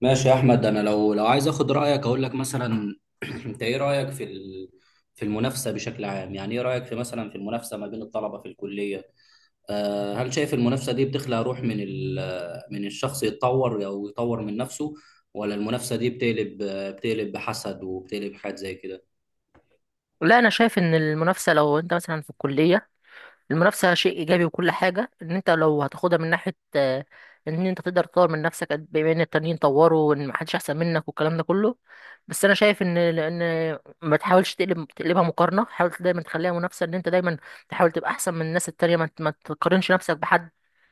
ماشي يا احمد، انا لو عايز اخد رايك اقول لك مثلا انت ايه رايك في في المنافسه بشكل عام؟ يعني ايه رايك في مثلا في المنافسه ما بين الطلبه في الكليه؟ هل شايف المنافسه دي بتخلق روح من من الشخص يتطور او يطور من نفسه، ولا المنافسه دي بتقلب، بتقلب بحسد وبتقلب حاجات زي كده؟ لا، انا شايف ان المنافسه لو انت مثلا في الكليه، المنافسة شيء إيجابي وكل حاجة. إن أنت لو هتاخدها من ناحية إن أنت تقدر تطور من نفسك بما إن التانيين طوروا وإن محدش أحسن منك والكلام ده كله. بس أنا شايف إن ما تحاولش تقلب تقلبها مقارنة، حاول دايما تخليها منافسة. إن أنت دايما تحاول تبقى أحسن من الناس التانية، ما تقارنش نفسك بحد،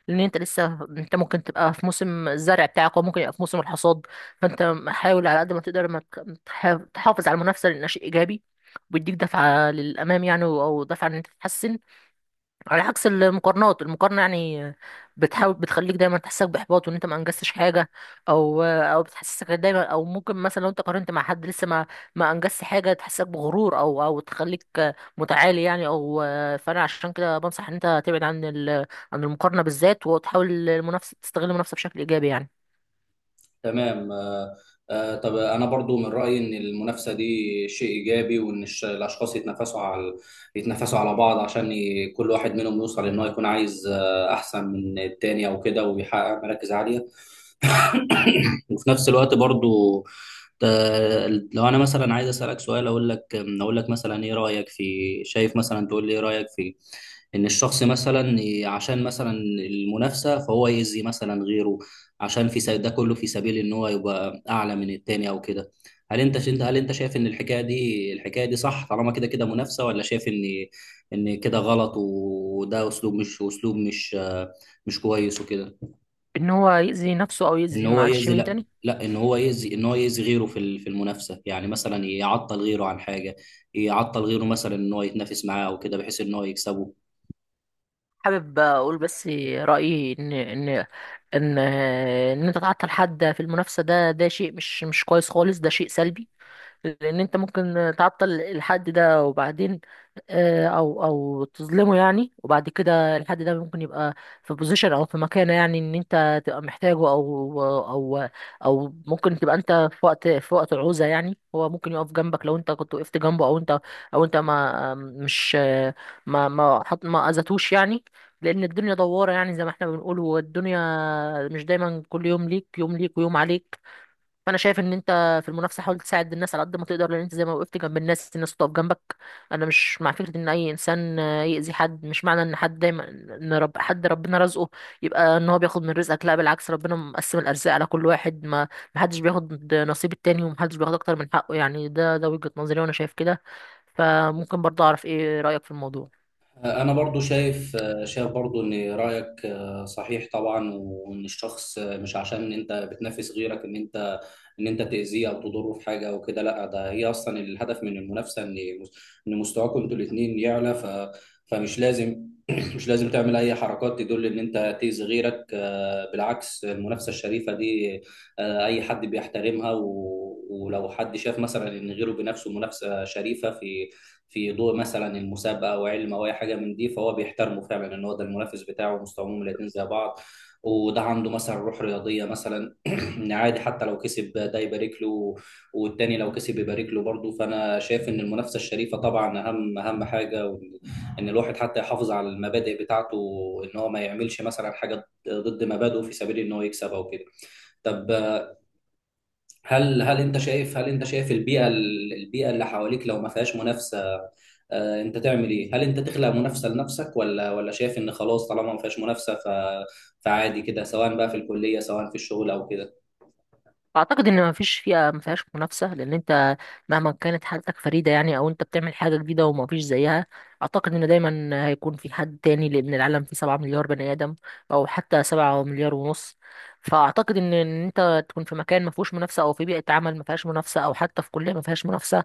لأن أنت لسه، أنت ممكن تبقى في موسم الزرع بتاعك وممكن يبقى في موسم الحصاد. فأنت حاول على قد ما تقدر ما ت- تح- تحافظ على المنافسة لأنها شيء إيجابي، وبيديك دفعة للأمام يعني، أو دفعة إن أنت تتحسن، على عكس المقارنات. المقارنة يعني بتحاول، بتخليك دايما تحسسك بإحباط وإن أنت ما أنجزتش حاجة، أو بتحسسك دايما، أو ممكن مثلا لو أنت قارنت مع حد لسه ما أنجزش حاجة، تحسسك بغرور أو تخليك متعالي يعني أو. فأنا عشان كده بنصح إن أنت تبعد عن ال عن المقارنة بالذات، وتحاول المنافسة، تستغل المنافسة بشكل إيجابي يعني. تمام، آه. طب انا برضو من رايي ان المنافسه دي شيء ايجابي، وان الاشخاص يتنافسوا على بعض عشان كل واحد منهم يوصل، ان هو يكون عايز احسن من التاني او كده، ويحقق مراكز عاليه. وفي نفس الوقت برضو ت- لو انا مثلا عايز اسالك سؤال، اقول لك مثلا ايه رايك في، شايف مثلا، تقول لي ايه رايك في ان الشخص مثلا عشان مثلا المنافسه فهو يأذي مثلا غيره، عشان ده كله في سبيل ان هو يبقى اعلى من التاني او كده. هل انت شايف ان الحكايه دي صح، طالما كده كده منافسه؟ ولا شايف ان ان كده غلط، وده اسلوب، مش كويس وكده؟ إن هو يأذي نفسه أو ان يأذي، هو معلش، يأذي، مين لا تاني؟ لا ان هو يأذي، ان هو يأذي غيره في في المنافسه، يعني مثلا يعطل غيره عن حاجه، يعطل غيره مثلا ان هو يتنافس معاه او كده، بحيث ان هو يكسبه. حابب اقول بس رايي، ان ان انت تعطل حد في المنافسه، ده شيء مش كويس خالص، ده شيء سلبي. لان انت ممكن تعطل الحد ده وبعدين او تظلمه يعني، وبعد كده الحد ده ممكن يبقى في بوزيشن او في مكانه يعني، ان انت تبقى محتاجه او او. او ممكن تبقى انت في وقت العوزة يعني، هو ممكن يقف جنبك لو انت كنت وقفت جنبه، او انت، ما مش، ما اذتوش يعني. لان الدنيا دوارة، يعني زي ما احنا بنقول، والدنيا مش دايما، كل يوم ليك، يوم ليك ويوم عليك. فانا شايف ان انت في المنافسه، حاول تساعد الناس على قد ما تقدر، لان انت زي ما وقفت جنب الناس، الناس تقف جنبك. انا مش مع فكره ان اي انسان يأذي حد. مش معنى ان حد دايما، ان رب حد ربنا رزقه، يبقى ان هو بياخد من رزقك. لا، بالعكس، ربنا مقسم الارزاق على كل واحد. ما محدش بياخد نصيب التاني، ومحدش بياخد اكتر من حقه يعني. ده وجهه نظري، وانا شايف كده. فممكن برضه اعرف ايه رأيك في الموضوع؟ أنا برضو شايف، شايف برضو إن رأيك صحيح طبعا، وإن الشخص مش عشان أنت بتنافس غيرك إن أنت تأذيه أو تضره في حاجة أو كده، لا، ده هي أصلا الهدف من المنافسة إن إن مستواكم أنتوا الاتنين يعلى. فمش لازم مش لازم تعمل أي حركات تدل إن أنت تأذي غيرك. بالعكس، المنافسة الشريفة دي أي حد بيحترمها. و ولو حد شاف مثلا ان غيره بنفسه منافسه شريفه في في ضوء مثلا المسابقه او علم او اي حاجه من دي، فهو بيحترمه فعلا، ان هو ده المنافس بتاعه ومستواهم الاتنين زي بعض. وده عنده مثلا روح رياضيه مثلا، ان عادي حتى لو كسب ده يبارك له، والتاني لو كسب يبارك له برضه. فانا شايف ان المنافسه الشريفه طبعا اهم حاجه، ان الواحد حتى يحافظ على المبادئ بتاعته، ان هو ما يعملش مثلا حاجه ضد مبادئه في سبيل ان هو يكسب او كده. طب، هل انت شايف البيئه، اللي حواليك لو ما فيهاش منافسه، انت تعمل ايه؟ هل انت تخلق منافسه لنفسك، ولا شايف ان خلاص طالما ما فيهاش منافسه ف... فعادي كده، سواء بقى في الكليه سواء في الشغل او كده؟ اعتقد ان مفيش فيها ما فيهاش منافسه، لان انت مهما كانت حالتك فريده يعني، او انت بتعمل حاجه جديده ومفيش زيها، اعتقد ان دايما هيكون في حد تاني، لان العالم فيه 7 مليار بني ادم، او حتى 7 مليار ونص. فاعتقد ان انت تكون في مكان ما فيهوش منافسه، او في بيئه عمل ما فيهاش منافسه، او حتى في كليه ما فيهاش منافسه،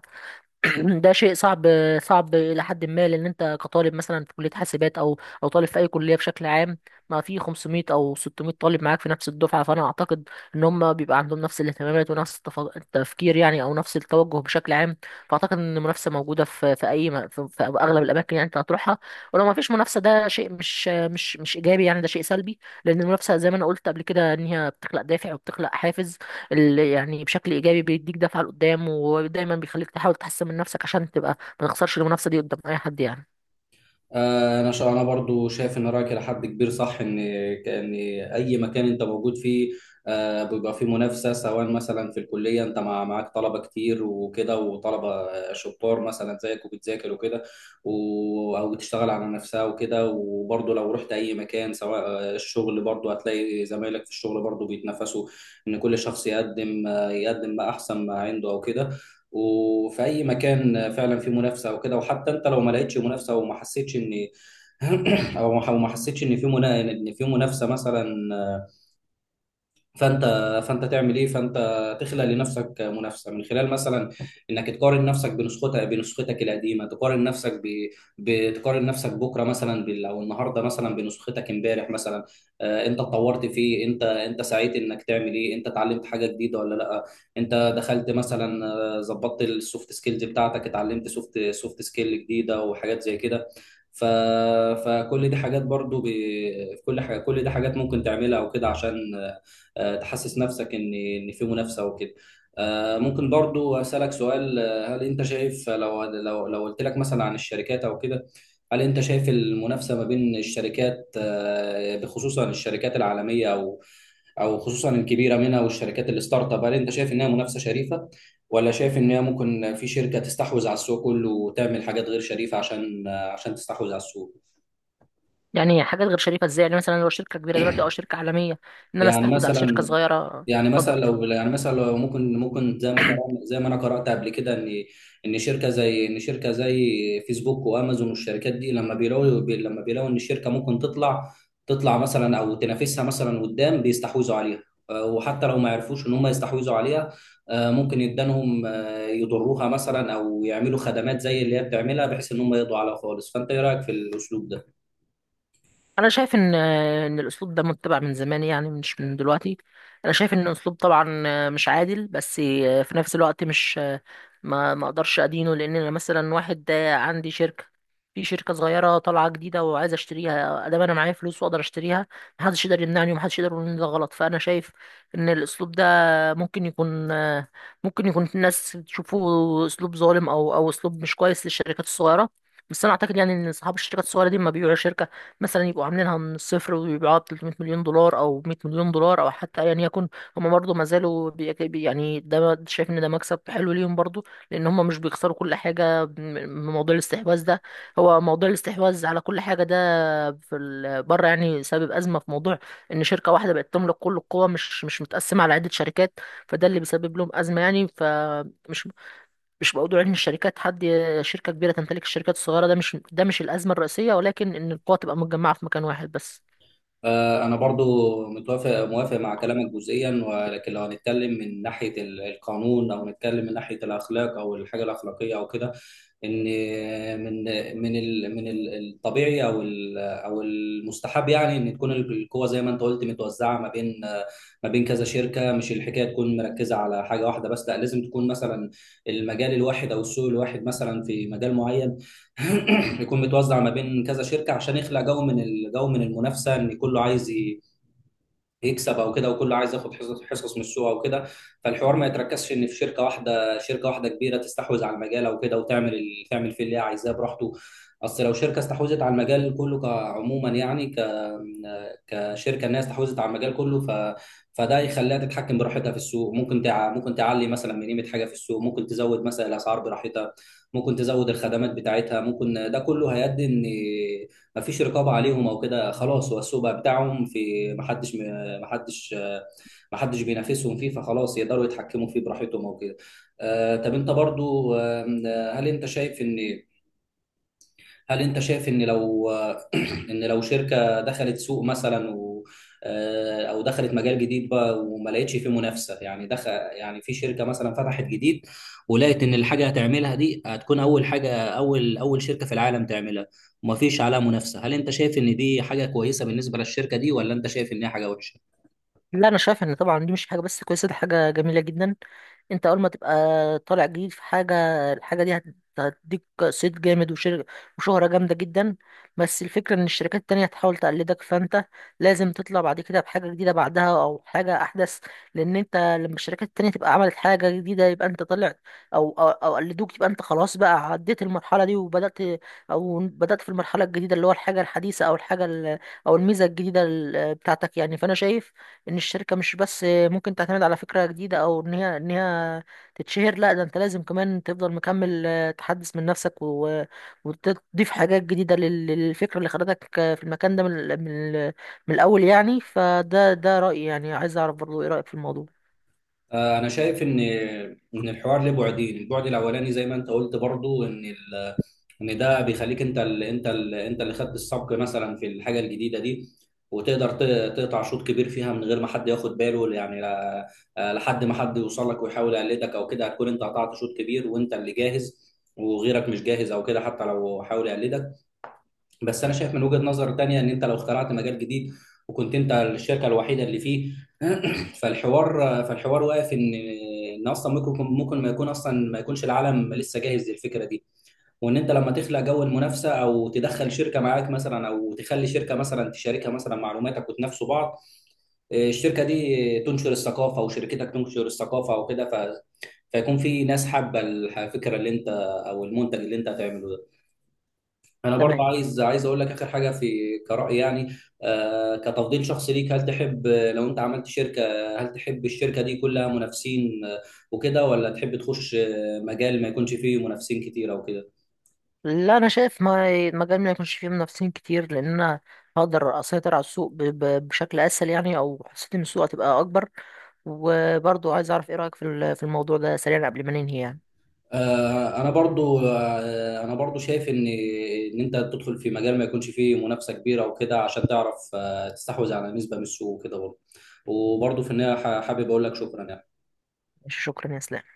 ده شيء صعب. صعب الى حد ما، لان انت كطالب مثلا في كليه حاسبات، او او طالب في اي كليه بشكل عام، ما في 500 او 600 طالب معاك في نفس الدفعه. فانا اعتقد ان هم بيبقى عندهم نفس الاهتمامات، ونفس التفكير يعني، او نفس التوجه بشكل عام. فاعتقد ان المنافسه موجوده في في اغلب الاماكن يعني انت هتروحها. ولو ما فيش منافسه، ده شيء مش ايجابي يعني، ده شيء سلبي. لان المنافسه، زي ما انا قلت قبل كده، ان هي بتخلق دافع وبتخلق حافز، اللي يعني بشكل ايجابي بيديك دفعه لقدام، ودايما بيخليك تحاول تحسن من نفسك، عشان تبقى ما تخسرش المنافسه دي قدام اي حد يعني. انا برضو شايف ان رايك لحد كبير صح، ان ان اي مكان انت موجود فيه بيبقى فيه منافسه، سواء مثلا في الكليه انت معاك طلبه كتير وكده، وطلبه شطار مثلا زيك وبتذاكر وكده او بتشتغل على نفسها وكده. وبرضو لو رحت اي مكان سواء الشغل، برضو هتلاقي زمايلك في الشغل برضو بيتنافسوا، ان كل شخص يقدم يقدم ما احسن ما عنده او كده. وفي اي مكان فعلا في منافسه وكده. وحتى انت لو ما لقيتش منافسه وما حسيتش ان او ما حسيتش ان في ان في منافسه مثلا، فانت فانت تعمل ايه؟ فانت تخلق لنفسك منافسه من خلال مثلا انك تقارن نفسك بنسختك، القديمه، تقارن نفسك ب... بتقارن نفسك بكره مثلا او النهارده مثلا بنسختك امبارح مثلا. آه، انت اتطورت في إيه؟ انت انت سعيت انك تعمل ايه؟ انت اتعلمت حاجه جديده ولا لا؟ انت دخلت مثلا، ظبطت السوفت سكيلز بتاعتك، اتعلمت سوفت سكيل جديده وحاجات زي كده. ف... فكل دي حاجات برضو ب... كل حاجة، كل دي حاجات ممكن تعملها وكده عشان تحسس نفسك ان ان في منافسه وكده. ممكن برضو اسالك سؤال؟ هل انت شايف، لو قلت لك مثلا عن الشركات او كده، هل انت شايف المنافسه ما بين الشركات بخصوصا الشركات العالميه، او او خصوصا الكبيره منها، والشركات الستارت اب، هل انت شايف انها منافسه شريفه؟ ولا شايف ان هي ممكن في شركه تستحوذ على السوق كله وتعمل حاجات غير شريفه عشان عشان تستحوذ على السوق؟ يعني حاجات غير شريفه ازاي؟ يعني مثلا لو شركه كبيره دلوقتي او شركه عالميه، ان انا يعني استحوذ على شركه مثلا صغيره؟ يعني اتفضل مثلا لو اتفضل. يعني مثلا لو ممكن، زي ما قرأنا، زي ما انا قرأت قبل كده، ان ان شركه زي فيسبوك وامازون والشركات دي، لما بيلاقوا لما بيلاقوا ان الشركه ممكن تطلع، تطلع مثلا او تنافسها مثلا قدام، بيستحوذوا عليها. وحتى لو ما عرفوش ان هم يستحوذوا عليها، ممكن يدانهم، يضروها مثلا، او يعملوا خدمات زي اللي هي بتعملها، بحيث ان هم يقضوا عليها خالص. فانت ايه رأيك في الاسلوب ده؟ انا شايف ان الاسلوب ده متبع من زمان يعني، مش من دلوقتي. انا شايف ان الاسلوب طبعا مش عادل، بس في نفس الوقت مش، ما اقدرش ادينه، لان انا مثلا واحد عندي شركه، في شركه صغيره طالعه جديده وعايز اشتريها، ادام انا معايا فلوس واقدر اشتريها، محدش يقدر يمنعني، ومحدش يقدر يقول ان ده غلط. فانا شايف ان الاسلوب ده ممكن يكون، الناس تشوفه اسلوب ظالم، او اسلوب مش كويس للشركات الصغيره. بس انا اعتقد يعني ان اصحاب الشركات الصغيره دي لما بيبيعوا شركه، مثلا يبقوا عاملينها من الصفر ويبيعوها ب 300 مليون دولار، او 100 مليون دولار، او حتى ايا يكن، هم برضه ما زالوا شايف ان ده مكسب حلو ليهم برضه، لان هم مش بيخسروا كل حاجه من موضوع الاستحواذ ده. هو موضوع الاستحواذ على كل حاجه ده في بره، يعني سبب ازمه في موضوع ان شركه واحده بقت تملك كل القوه، مش متقسمه على عده شركات. فده اللي بيسبب لهم ازمه يعني، فمش مش موضوع ان الشركات حد، شركه كبيره تمتلك الشركات الصغيره، ده مش الازمه الرئيسيه، ولكن ان القوه تبقى متجمعه في مكان واحد بس. أنا برضو موافق مع كلامك جزئيا، ولكن لو هنتكلم من ناحية القانون، أو نتكلم من ناحية الأخلاق أو الحاجة الأخلاقية أو كده، ان من الطبيعي او المستحب يعني، ان تكون القوه زي ما انت قلت متوزعه ما بين، كذا شركه، مش الحكايه تكون مركزه على حاجه واحده بس، لا لازم تكون مثلا المجال الواحد او السوق الواحد مثلا في مجال معين، يكون متوزع ما بين كذا شركه عشان يخلق جو من الجو من المنافسه، ان كله عايز يكسب او كده، وكله عايز ياخد حصص من السوق او كده. فالحوار ما يتركزش ان في شركه واحده، كبيره تستحوذ على المجال او كده، وتعمل تعمل فيه اللي هي عايزاه براحته. اصل لو شركه استحوذت على المجال كله كعموما يعني، كشركه، الناس استحوذت على المجال كله، ف فده يخليها تتحكم براحتها في السوق. ممكن تعلي مثلا من قيمه حاجه في السوق، ممكن تزود مثلا الاسعار براحتها، ممكن تزود الخدمات بتاعتها، ممكن ده كله هيؤدي ان مفيش رقابه عليهم او كده، خلاص هو السوق بقى بتاعهم، في محدش ما حدش ما حدش بينافسهم فيه، فخلاص يقدروا يتحكموا فيه براحتهم او كده. طب انت برضو، هل انت شايف ان لو ان لو شركة دخلت سوق مثلا و او دخلت مجال جديد بقى، وما لقيتش فيه منافسة، يعني دخل يعني في شركة مثلا فتحت جديد، ولقيت ان الحاجة هتعملها دي هتكون اول حاجة، اول شركة في العالم تعملها، وما فيش عليها منافسة، هل انت شايف ان دي حاجة كويسة بالنسبة للشركة دي، ولا انت شايف ان هي حاجة وحشة؟ لا، انا شايف ان طبعا دي مش حاجه بس كويسه، دي حاجه جميله جدا. انت اول ما تبقى طالع جديد في حاجه، الحاجه دي هتديك صيت جامد، وشهره جامده جدا. بس الفكره ان الشركات التانية هتحاول تقلدك، فانت لازم تطلع بعد كده بحاجه جديده بعدها، او حاجه احدث. لان انت لما الشركات التانية تبقى عملت حاجه جديده، يبقى انت طلع، أو قلدوك، يبقى انت خلاص بقى عديت المرحله دي، وبدات، او بدات في المرحله الجديده، اللي هو الحاجه الحديثه، او الحاجه او الميزه الجديده بتاعتك يعني. فانا شايف ان الشركه مش بس ممكن تعتمد على فكره جديده، او ان هي تتشهر، لا، ده انت لازم كمان تفضل مكمل، تحدث من نفسك، وتضيف حاجات جديده للفكره اللي خدتك في المكان ده من من الاول يعني. فده رايي يعني، عايز اعرف برضو ايه رايك في الموضوع؟ انا شايف ان ان الحوار له بعدين، البعد الاولاني زي ما انت قلت برضو، ان ان ده بيخليك انت انت اللي خدت السبق مثلا في الحاجه الجديده دي، وتقدر تقطع شوط كبير فيها من غير ما حد ياخد باله يعني، لا... آه، لحد ما حد يوصل لك ويحاول يقلدك او كده، هتكون انت قطعت شوط كبير، وانت اللي جاهز وغيرك مش جاهز او كده، حتى لو حاول يقلدك. بس انا شايف من وجهة نظر تانية، ان انت لو اخترعت مجال جديد، وكنت انت الشركة الوحيدة اللي فيه فالحوار واقف ان ان اصلا ممكن، ممكن ما يكونش العالم لسه جاهز للفكرة دي. وان انت لما تخلق جو المنافسة، او تدخل شركة معاك مثلا، او تخلي شركة مثلا تشاركها مثلا معلوماتك وتنافسوا بعض، الشركة دي تنشر الثقافة وشركتك تنشر الثقافة وكده، ف... فيكون في ناس حابة الفكرة اللي انت، او المنتج اللي انت هتعمله ده. انا برضه تمام. عايز اقول لك اخر حاجه في كرأي يعني. آه، كتفضيل شخصي ليك، هل تحب لو انت عملت شركه، هل تحب الشركه دي كلها منافسين وكده، ولا تحب تخش مجال ما يكونش فيه منافسين كتير او كده؟ لا، انا شايف ما المجال ما يكونش فيه منافسين كتير، لان انا هقدر اسيطر على السوق بشكل اسهل يعني، او حسيت ان السوق هتبقى اكبر. وبرضو عايز اعرف ايه رايك في في الموضوع ده سريعا قبل ما ننهي يعني. آه، انا برضو شايف ان ان انت تدخل في مجال ما يكونش فيه منافسه كبيره وكده، عشان تعرف آه تستحوذ على نسبه من السوق وكده برضو. وبرضو في النهايه حابب اقول لك شكرا يعني. ماشي، شكرا يا اسلام.